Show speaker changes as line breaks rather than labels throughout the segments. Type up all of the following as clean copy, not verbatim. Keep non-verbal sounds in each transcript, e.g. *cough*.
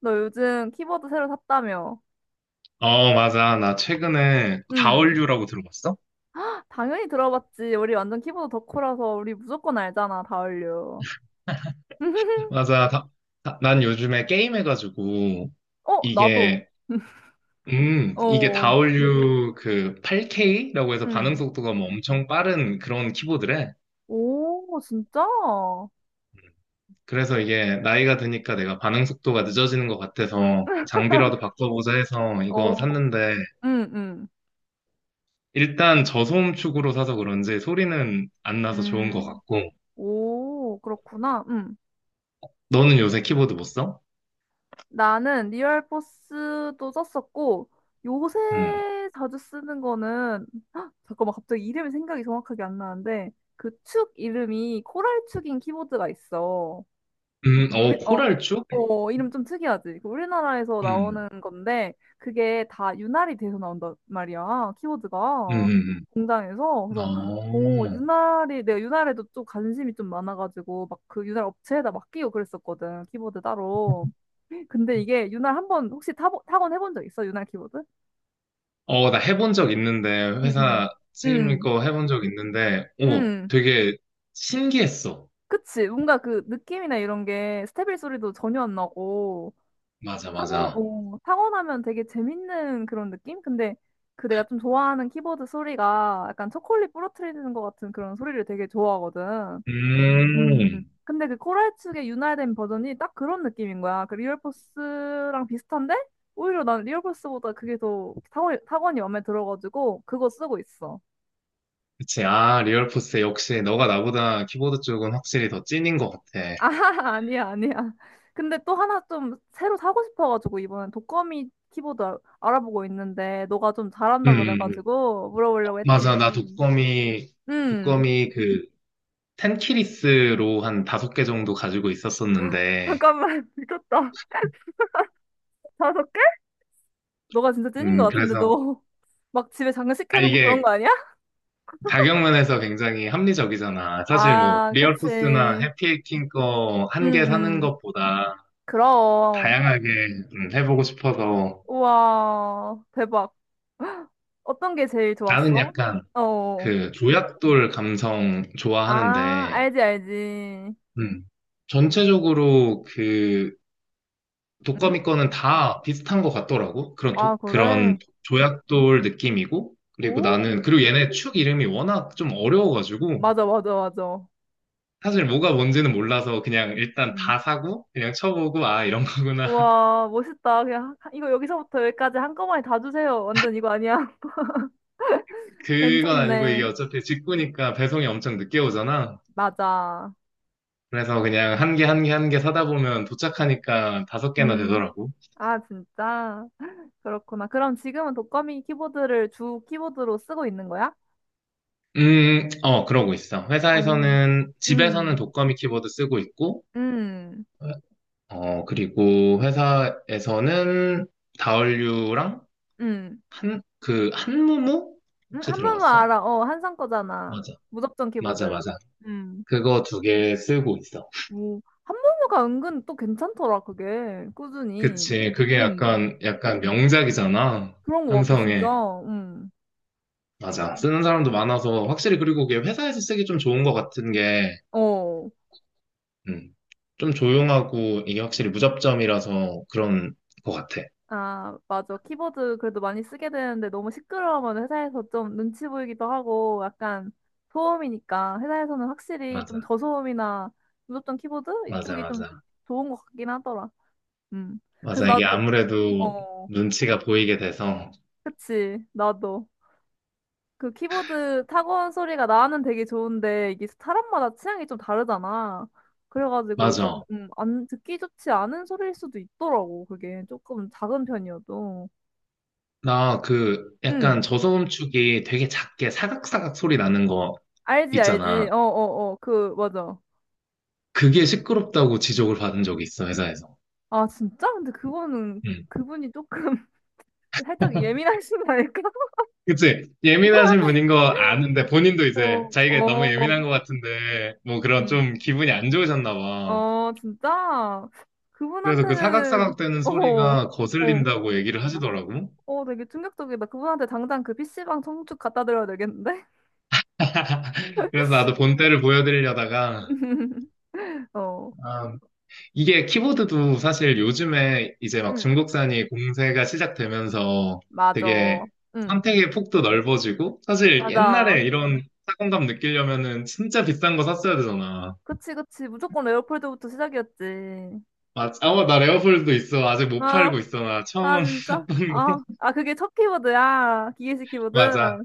너 요즘 키보드 새로 샀다며?
어, 맞아. 나 최근에
응.
다얼류라고 들어봤어?
당연히 들어봤지. 우리 완전 키보드 덕후라서 우리 무조건 알잖아, 다을류. *laughs*
맞아. 난 요즘에 게임해가지고
어, 나도.
이게
*laughs*
이게
어,
다얼류 그 8K라고 해서 반응
응,
속도가 뭐 엄청 빠른 그런 키보드래.
오, 진짜?
그래서 이게 나이가 드니까 내가 반응 속도가 늦어지는 것 같아서
*laughs*
장비라도 바꿔보자 해서 이거
어,
샀는데,
응, 응.
일단 저소음 축으로 사서 그런지 소리는 안 나서 좋은 것
음,
같고.
오, 그렇구나. 응.
너는 요새 키보드 못 써?
나는 리얼포스도 썼었고 요새
음,
자주 쓰는 거는 헉, 잠깐만 갑자기 이름이 생각이 정확하게 안 나는데 그 축 이름이 코랄 축인 키보드가 있어. 우리
어,
어,
코랄 축?
어 이름 좀 특이하지? 그 우리나라에서
음.
나오는 건데 그게 다유활이 돼서 나온단 말이야
음,
키워드가
음,
공장에서 그래서 오
어,
유날이 내가 유활에도 좀 관심이 좀 많아가지고 막 그 유날 업체에다 맡기고 그랬었거든 키보드 따로. 근데 이게 유활한번 혹시 타건 해본 적 있어 유활 키보드?
어, 나 해본 적 있는데,
응응.
회사 책임질
응,
거 해본 적 있는데, 오,
응응.
되게 신기했어.
그치. 뭔가 그 느낌이나 이런 게 스테빌 소리도 전혀 안 나고,
맞아, 맞아.
타고, 어, 타고 나면 되게 재밌는 그런 느낌? 근데 그 내가 좀 좋아하는 키보드 소리가 약간 초콜릿 부러뜨리는 것 같은 그런 소리를 되게 좋아하거든. 음.
음,
근데 그 코랄축의 윤활된 버전이 딱 그런 느낌인 거야. 그 리얼포스랑 비슷한데? 오히려 난 리얼포스보다 그게 더 타고, 타원이 마음에 들어가지고 그거 쓰고 있어.
그치. 아, 리얼포스 역시 너가 나보다 키보드 쪽은 확실히 더 찐인 것 같아.
아, *laughs* 아니야, 아니야. 근데 또 하나 좀 새로 사고 싶어가지고 이번엔 독거미 키보드 알아보고 있는데 너가 좀
음,
잘한다
음, 음.
그래가지고 물어보려고
맞아. 나
했지.
독거미,
음,
독거미 그, 텐키리스로 한 다섯 개 정도 가지고 있었었는데,
잠깐만, *laughs* 미쳤다. 다섯 개? 너가 진짜 찐인 것 같은데
그래서,
너 막 *laughs* 집에
아,
장식해놓고 그런
이게
거 아니야?
가격면에서 굉장히 합리적이잖아. 사실 뭐
아, 그치.
리얼토스나
응,
해피해킹 거 한 개 사는
응.
것보다
그럼.
다양하게 해보고 싶어서.
우와, 대박. *gasps* 어떤 게 제일
나는
좋았어?
약간
어. 어.
그 조약돌 감성
아,
좋아하는데
알지, 알지.
음, 전체적으로 그
응?
독거미 거는 다 비슷한 것 같더라고.
아, 그래.
그런 조약돌 느낌이고 그리고
오.
나는 그리고 얘네 축 이름이 워낙 좀 어려워가지고
맞아, 맞아, 맞아.
사실 뭐가 뭔지는 몰라서 그냥 일단
음.
다 사고 그냥 쳐보고 아 이런 거구나.
우와, 멋있다. 그냥 이거 여기서부터 여기까지 한꺼번에 다 주세요. 완전 이거 아니야? *laughs*
그건 아니고 이게
괜찮네.
어차피 직구니까 배송이 엄청 늦게 오잖아.
맞아.
그래서 그냥 한 개 한 개 한 개 사다 보면 도착하니까 다섯 개나
음.
되더라고.
아, 진짜? 그렇구나. 그럼 지금은 독거미 키보드를 주 키보드로 쓰고 있는 거야?
어, 그러고 있어.
어. 음.
회사에서는, 집에서는
음.
독거미 키보드 쓰고 있고,
음.
어, 그리고 회사에서는 다얼류랑 한무무? 혹시
한무무
들어봤어?
알아. 어, 한상 거잖아.
맞아.
무접점
맞아,
키보드.
맞아.
음.
그거 두 개 쓰고 있어.
오, 한무무가 은근 또 괜찮더라, 그게. 꾸준히.
그치. 그게 약간 명작이잖아.
그런 것 같아, 진짜. 음.
맞아. 쓰는 사람도 많아서 확실히 그리고 그게 회사에서 쓰기 좀 좋은 것 같은 게,
어.
음, 좀 조용하고 이게 확실히 무접점이라서 그런 것 같아.
아, 맞아. 키보드 그래도 많이 쓰게 되는데 너무 시끄러우면 회사에서 좀 눈치 보이기도 하고 약간 소음이니까 회사에서는 확실히
맞아.
좀 저소음이나 무접점 키보드?
맞아,
이쪽이 좀
맞아.
좋은 것 같긴 하더라. 음. 그래서
맞아. 이게
나도,
아무래도
어,
눈치가 보이게 돼서.
그치. 나도. 그 키보드 타건 소리가 나는 되게 좋은데 이게 사람마다 취향이 좀 다르잖아. 그래가지고 좀,
맞아.
안, 듣기 좋지 않은 소리일 수도 있더라고. 그게 조금 작은 편이어도.
나 그
응,
약간 저소음축이 되게 작게 사각사각 소리 나는 거
알지,
있잖아.
알지. 어, 어, 어, 그, 맞아.
그게 시끄럽다고 지적을 받은 적이 있어, 회사에서.
아, 진짜? 근데 그거는
음.
그분이 조금 *laughs* 살짝 예민하신 거 아닐까? *laughs*
그치? 예민하신
그분한테,
분인 거 아는데, 본인도 이제
어,
자기가 너무
어,
예민한 것 같은데, 뭐 그런
음,
좀 기분이 안 좋으셨나 봐.
어, 진짜?
그래서 그
그분한테는,
사각사각 되는
어,
소리가
어.
거슬린다고 얘기를 하시더라고.
어, 되게 충격적이다. 그분한테 당장 그 PC방 청축 갖다 드려야 되겠는데?
*laughs* 그래서 나도 본때를 보여드리려다가,
*laughs* 어,
아, 이게 키보드도 사실 요즘에 이제 막
응,
중국산이 공세가 시작되면서
맞아.
되게
응,
선택의 폭도 넓어지고, 사실
맞아.
옛날에 이런 사공감 느끼려면은 진짜 비싼 거 샀어야 되잖아.
그치, 그치. 무조건 레오폴드부터 시작이었지.
맞아. 어, 나 레오폴드도 있어. 아직 못
아,
팔고 있어. 나
아,
처음 *laughs*
진짜?
샀던
아,
거.
아, 그게 첫 키보드야. 기계식 키보드.
맞아.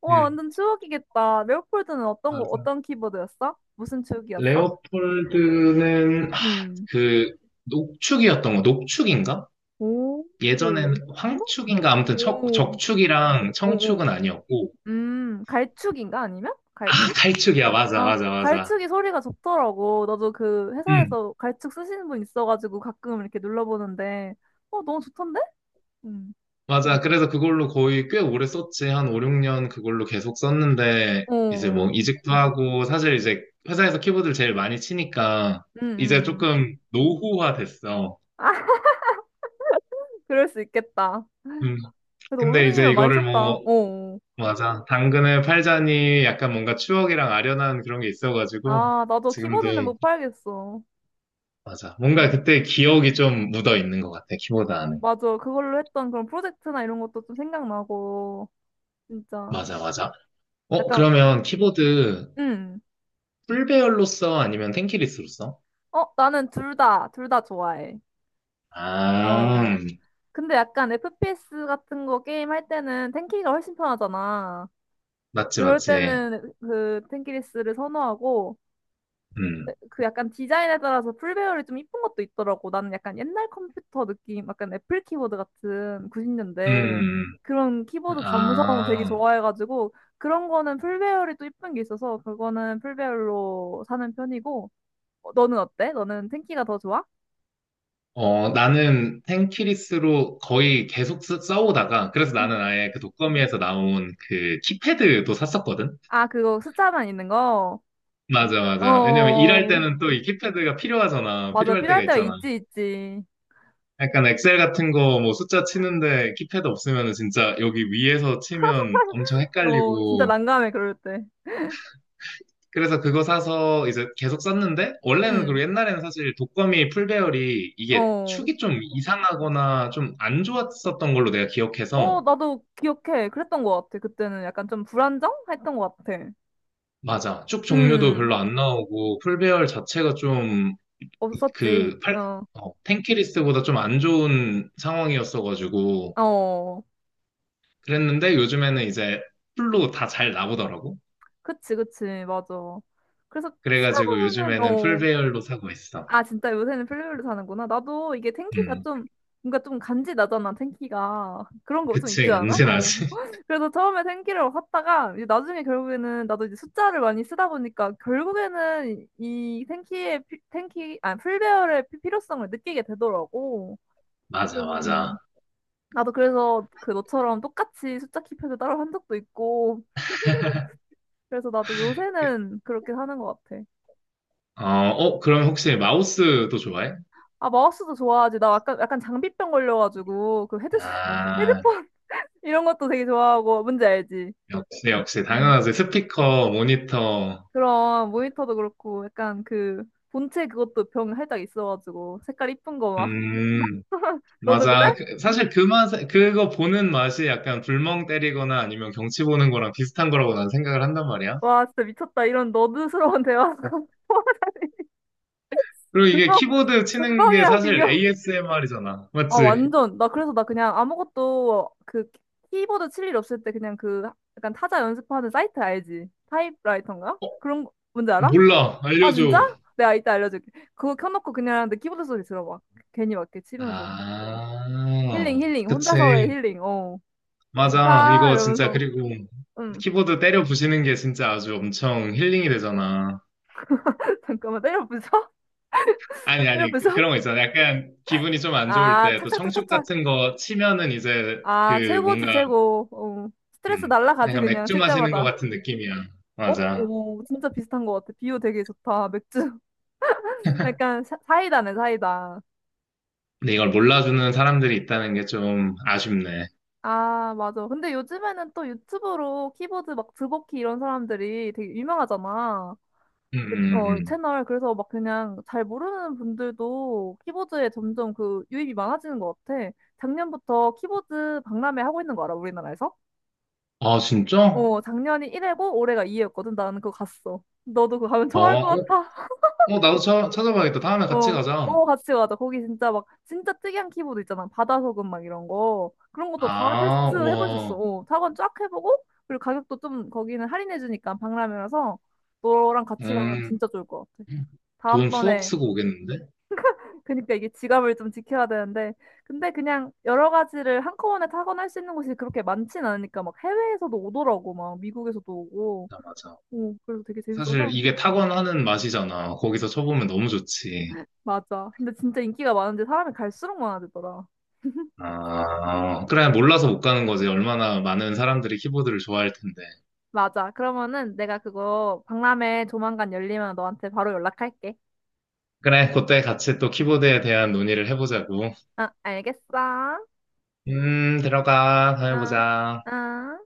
와,
응,
완전 추억이겠다. 레오폴드는 어떤 거,
맞아.
어떤 키보드였어? 무슨 축이었어?
레오폴드는,
음.
그, 녹축이었던 거, 녹축인가?
오,
예전엔
오, 오,
황축인가? 아무튼 적축이랑
오, 오.
청축은 아니었고.
갈축인가? 아니면?
아,
갈축?
갈축이야. 맞아,
아,
맞아, 맞아.
갈축이 소리가 좋더라고. 나도 그
응,
회사에서 갈축 쓰시는 분 있어가지고 가끔 이렇게 눌러보는데, 어, 너무 좋던데? 음.
맞아. 그래서 그걸로 거의 꽤 오래 썼지. 한 5, 6년 그걸로 계속 썼는데,
어,
이제 뭐 이직도 하고, 사실 이제 회사에서 키보드를 제일 많이 치니까, 이제
음.
조금 노후화 됐어.
아, *laughs* 그럴 수 있겠다.
음,
그래도 오리
근데
누님
이제
은 많이
이거를
썼다.
뭐,
어.
맞아. 당근을 팔자니 약간 뭔가 추억이랑 아련한 그런 게 있어가지고,
아, 나도
지금도,
키보드는 못 팔겠어.
맞아. 뭔가
음.
그때 기억이 좀 묻어 있는 것 같아, 키보드 안에.
맞아. 그걸로 했던 그런 프로젝트나 이런 것도 좀 생각나고, 진짜.
맞아, 맞아. 어,
약간,
그러면 키보드
음.
풀배열로 써? 아니면 텐키리스로 써?
어, 나는 둘 다, 둘 다 좋아해. 어.
아,
근데 약간 FPS 같은 거 게임 할 때는 탱키가 훨씬 편하잖아.
맞지,
그럴
맞지.
때는 그 탱키리스를 선호하고
음,
그 약간 디자인에 따라서 풀배열이 좀 이쁜 것도 있더라고. 나는 약간 옛날 컴퓨터 느낌, 약간 애플 키보드 같은 90년대
음,
그런 키보드 감성 되게
아.
좋아해가지고 그런 거는 풀배열이 또 이쁜 게 있어서 그거는 풀배열로 사는 편이고 어, 너는 어때? 너는 탱키가 더 좋아?
어, 나는 텐키리스로 거의 계속 써오다가, 그래서
음.
나는 아예 그 독거미에서 나온 그 키패드도 샀었거든?
아, 그거 숫자만 있는 거?
맞아, 맞아. 왜냐면 일할
어,
때는 또 이 키패드가 필요하잖아.
맞아.
필요할 때가
필요할 때가
있잖아.
있지, 있지.
약간 엑셀 같은 거 뭐 숫자 치는데 키패드 없으면 진짜 여기 위에서 치면 엄청
*laughs* 어, 진짜
헷갈리고.
난감해, 그럴 때.
그래서 그거 사서 이제 계속 썼는데, 원래는
응.
그리고 옛날에는 사실 독거미 풀배열이 이게
어.
축이 좀 이상하거나 좀 안 좋았었던 걸로 내가
어,
기억해서,
나도 기억해. 그랬던 것 같아. 그때는 약간 좀 불안정? 했던 것 같아.
맞아. 축 종류도
음.
별로 안 나오고, 풀배열 자체가 좀
없었지.
그 팔,
어.
탱키리스트보다 좀 안 좋은 상황이었어가지고,
어.
그랬는데 요즘에는 이제 풀로 다 잘 나오더라고.
그치, 그치. 맞아. 그래서 쓰다
그래가지고
보면은,
요즘에는 풀
어.
배열로 사고 있어.
아, 진짜 요새는 플레이어로 사는구나. 나도 이게 텐키가
음,
좀, 뭔가 좀 간지 나잖아, 텐키가. 그런 거 좀
그치,
있지 않아? 어.
간지나지. *laughs*
*laughs* 그래서 처음에 텐키를 샀다가, 이제 나중에 결국에는, 나도 이제 숫자를 많이 쓰다 보니까, 결국에는 이 텐키의, 피- 텐키, 아니, 풀배열의 필요성을 느끼게 되더라고.
맞아,
그래서,
맞아.
나도 그래서 그 너처럼 똑같이 숫자 키패드 따로 한 적도 있고, 그래서 나도 요새는 그렇게 사는 것 같아.
어, 어, 그럼 혹시 마우스도 좋아해?
아, 마우스도 좋아하지. 나 약간, 약간 장비병 걸려가지고, 그 헤드셋, *laughs*
아,
헤드폰 이런 것도 되게 좋아하고 뭔지 알지?
역시, 역시,
음.
당연하지. 스피커, 모니터.
그런 모니터도 그렇고 약간 그 본체 그것도 병 살짝 있어가지고 색깔 이쁜 거 막
음,
*laughs* 너도
맞아.
그래?
사실 그거 보는 맛이 약간 불멍 때리거나 아니면 경치 보는 거랑 비슷한 거라고 난 생각을 한단 말이야.
와 진짜 미쳤다, 이런 너드스러운 대화. *laughs*
그리고 이게
불멍.
키보드 치는 게
불멍이랑
사실
비교.
ASMR이잖아.
아
맞지?
완전. 나 그래서 나 그냥 아무것도 그 키보드 칠 일 없을 때 그냥 그 약간 타자 연습하는 사이트 알지? 타입라이터인가? 그런 거 뭔지 알아?
몰라.
아 진짜?
알려줘.
내가 이따 알려줄게. 그거 켜놓고 그냥 내 키보드 소리 들어봐. 괜히 막 이렇게 치면서 힐링,
아,
힐링. 혼자서의
그치.
힐링. 어.
맞아.
좋다.
이거 진짜,
이러면서.
그리고
응.
키보드 때려 부시는 게 진짜 아주 엄청 힐링이 되잖아.
*laughs* 잠깐만, 때려 부셔.
아니,
*laughs* 때려
아니,
부셔.
그런 거 있잖아. 약간 기분이
*laughs*
좀 안 좋을
아,
때, 또 청축
착착착착착.
같은 거 치면은 이제
아,
그
최고지,
뭔가,
최고. 어. 스트레스
음,
날라가지,
약간
그냥,
맥주
칠
마시는 것
때마다.
같은 느낌이야.
어?
맞아.
오, 진짜 비슷한 것 같아. 비유 되게 좋다. 맥주. *laughs* 약간 사이다네, 사이다.
근데 이걸 몰라주는 사람들이 있다는 게 좀 아쉽네.
아, 맞아. 근데 요즘에는 또 유튜브로 키보드 막 드버키 이런 사람들이 되게 유명하잖아. 그, 어,
음.
채널. 그래서 막 그냥 잘 모르는 분들도 키보드에 점점 그 유입이 많아지는 것 같아. 작년부터 키보드 박람회 하고 있는 거 알아, 우리나라에서?
아, 진짜? 어,
어, 작년이 1회고 올해가 2회였거든. 나는 그거 갔어. 너도 그거 가면
어,
좋아할 것 같아. *laughs*
어, 나도 찾아봐야겠다. 다음에 같이
어,
가자.
어, 같이 가자. 거기 진짜 막, 진짜 특이한 키보드 있잖아. 바다 소금 막 이런 거. 그런 것도 다
아,
테스트 해볼 수 있어.
우와.
어, 타건 쫙 해보고, 그리고 가격도 좀 거기는 할인해주니까 박람회라서 너랑 같이 가면
음.
진짜 좋을 것 같아.
돈 수억
다음번에.
쓰고 오겠는데?
그러니까 이게 지갑을 좀 지켜야 되는데 근데 그냥 여러 가지를 한꺼번에 타건할 수 있는 곳이 그렇게 많진 않으니까 막 해외에서도 오더라고. 막 미국에서도 오고.
아, 맞아.
오 그래서 되게
사실
재밌어서.
이게 타건하는 맛이잖아. 거기서 쳐보면 너무 좋지.
맞아. 근데 진짜 인기가 많은데 사람이 갈수록 많아지더라.
아, 그래, 몰라서 못 가는 거지. 얼마나 많은 사람들이 키보드를 좋아할 텐데.
맞아. 그러면은 내가 그거 박람회 조만간 열리면 너한테 바로 연락할게.
그래, 그때 같이 또 키보드에 대한 논의를 해보자고.
아 알겠어.
들어가.
아.
다녀보자.
아.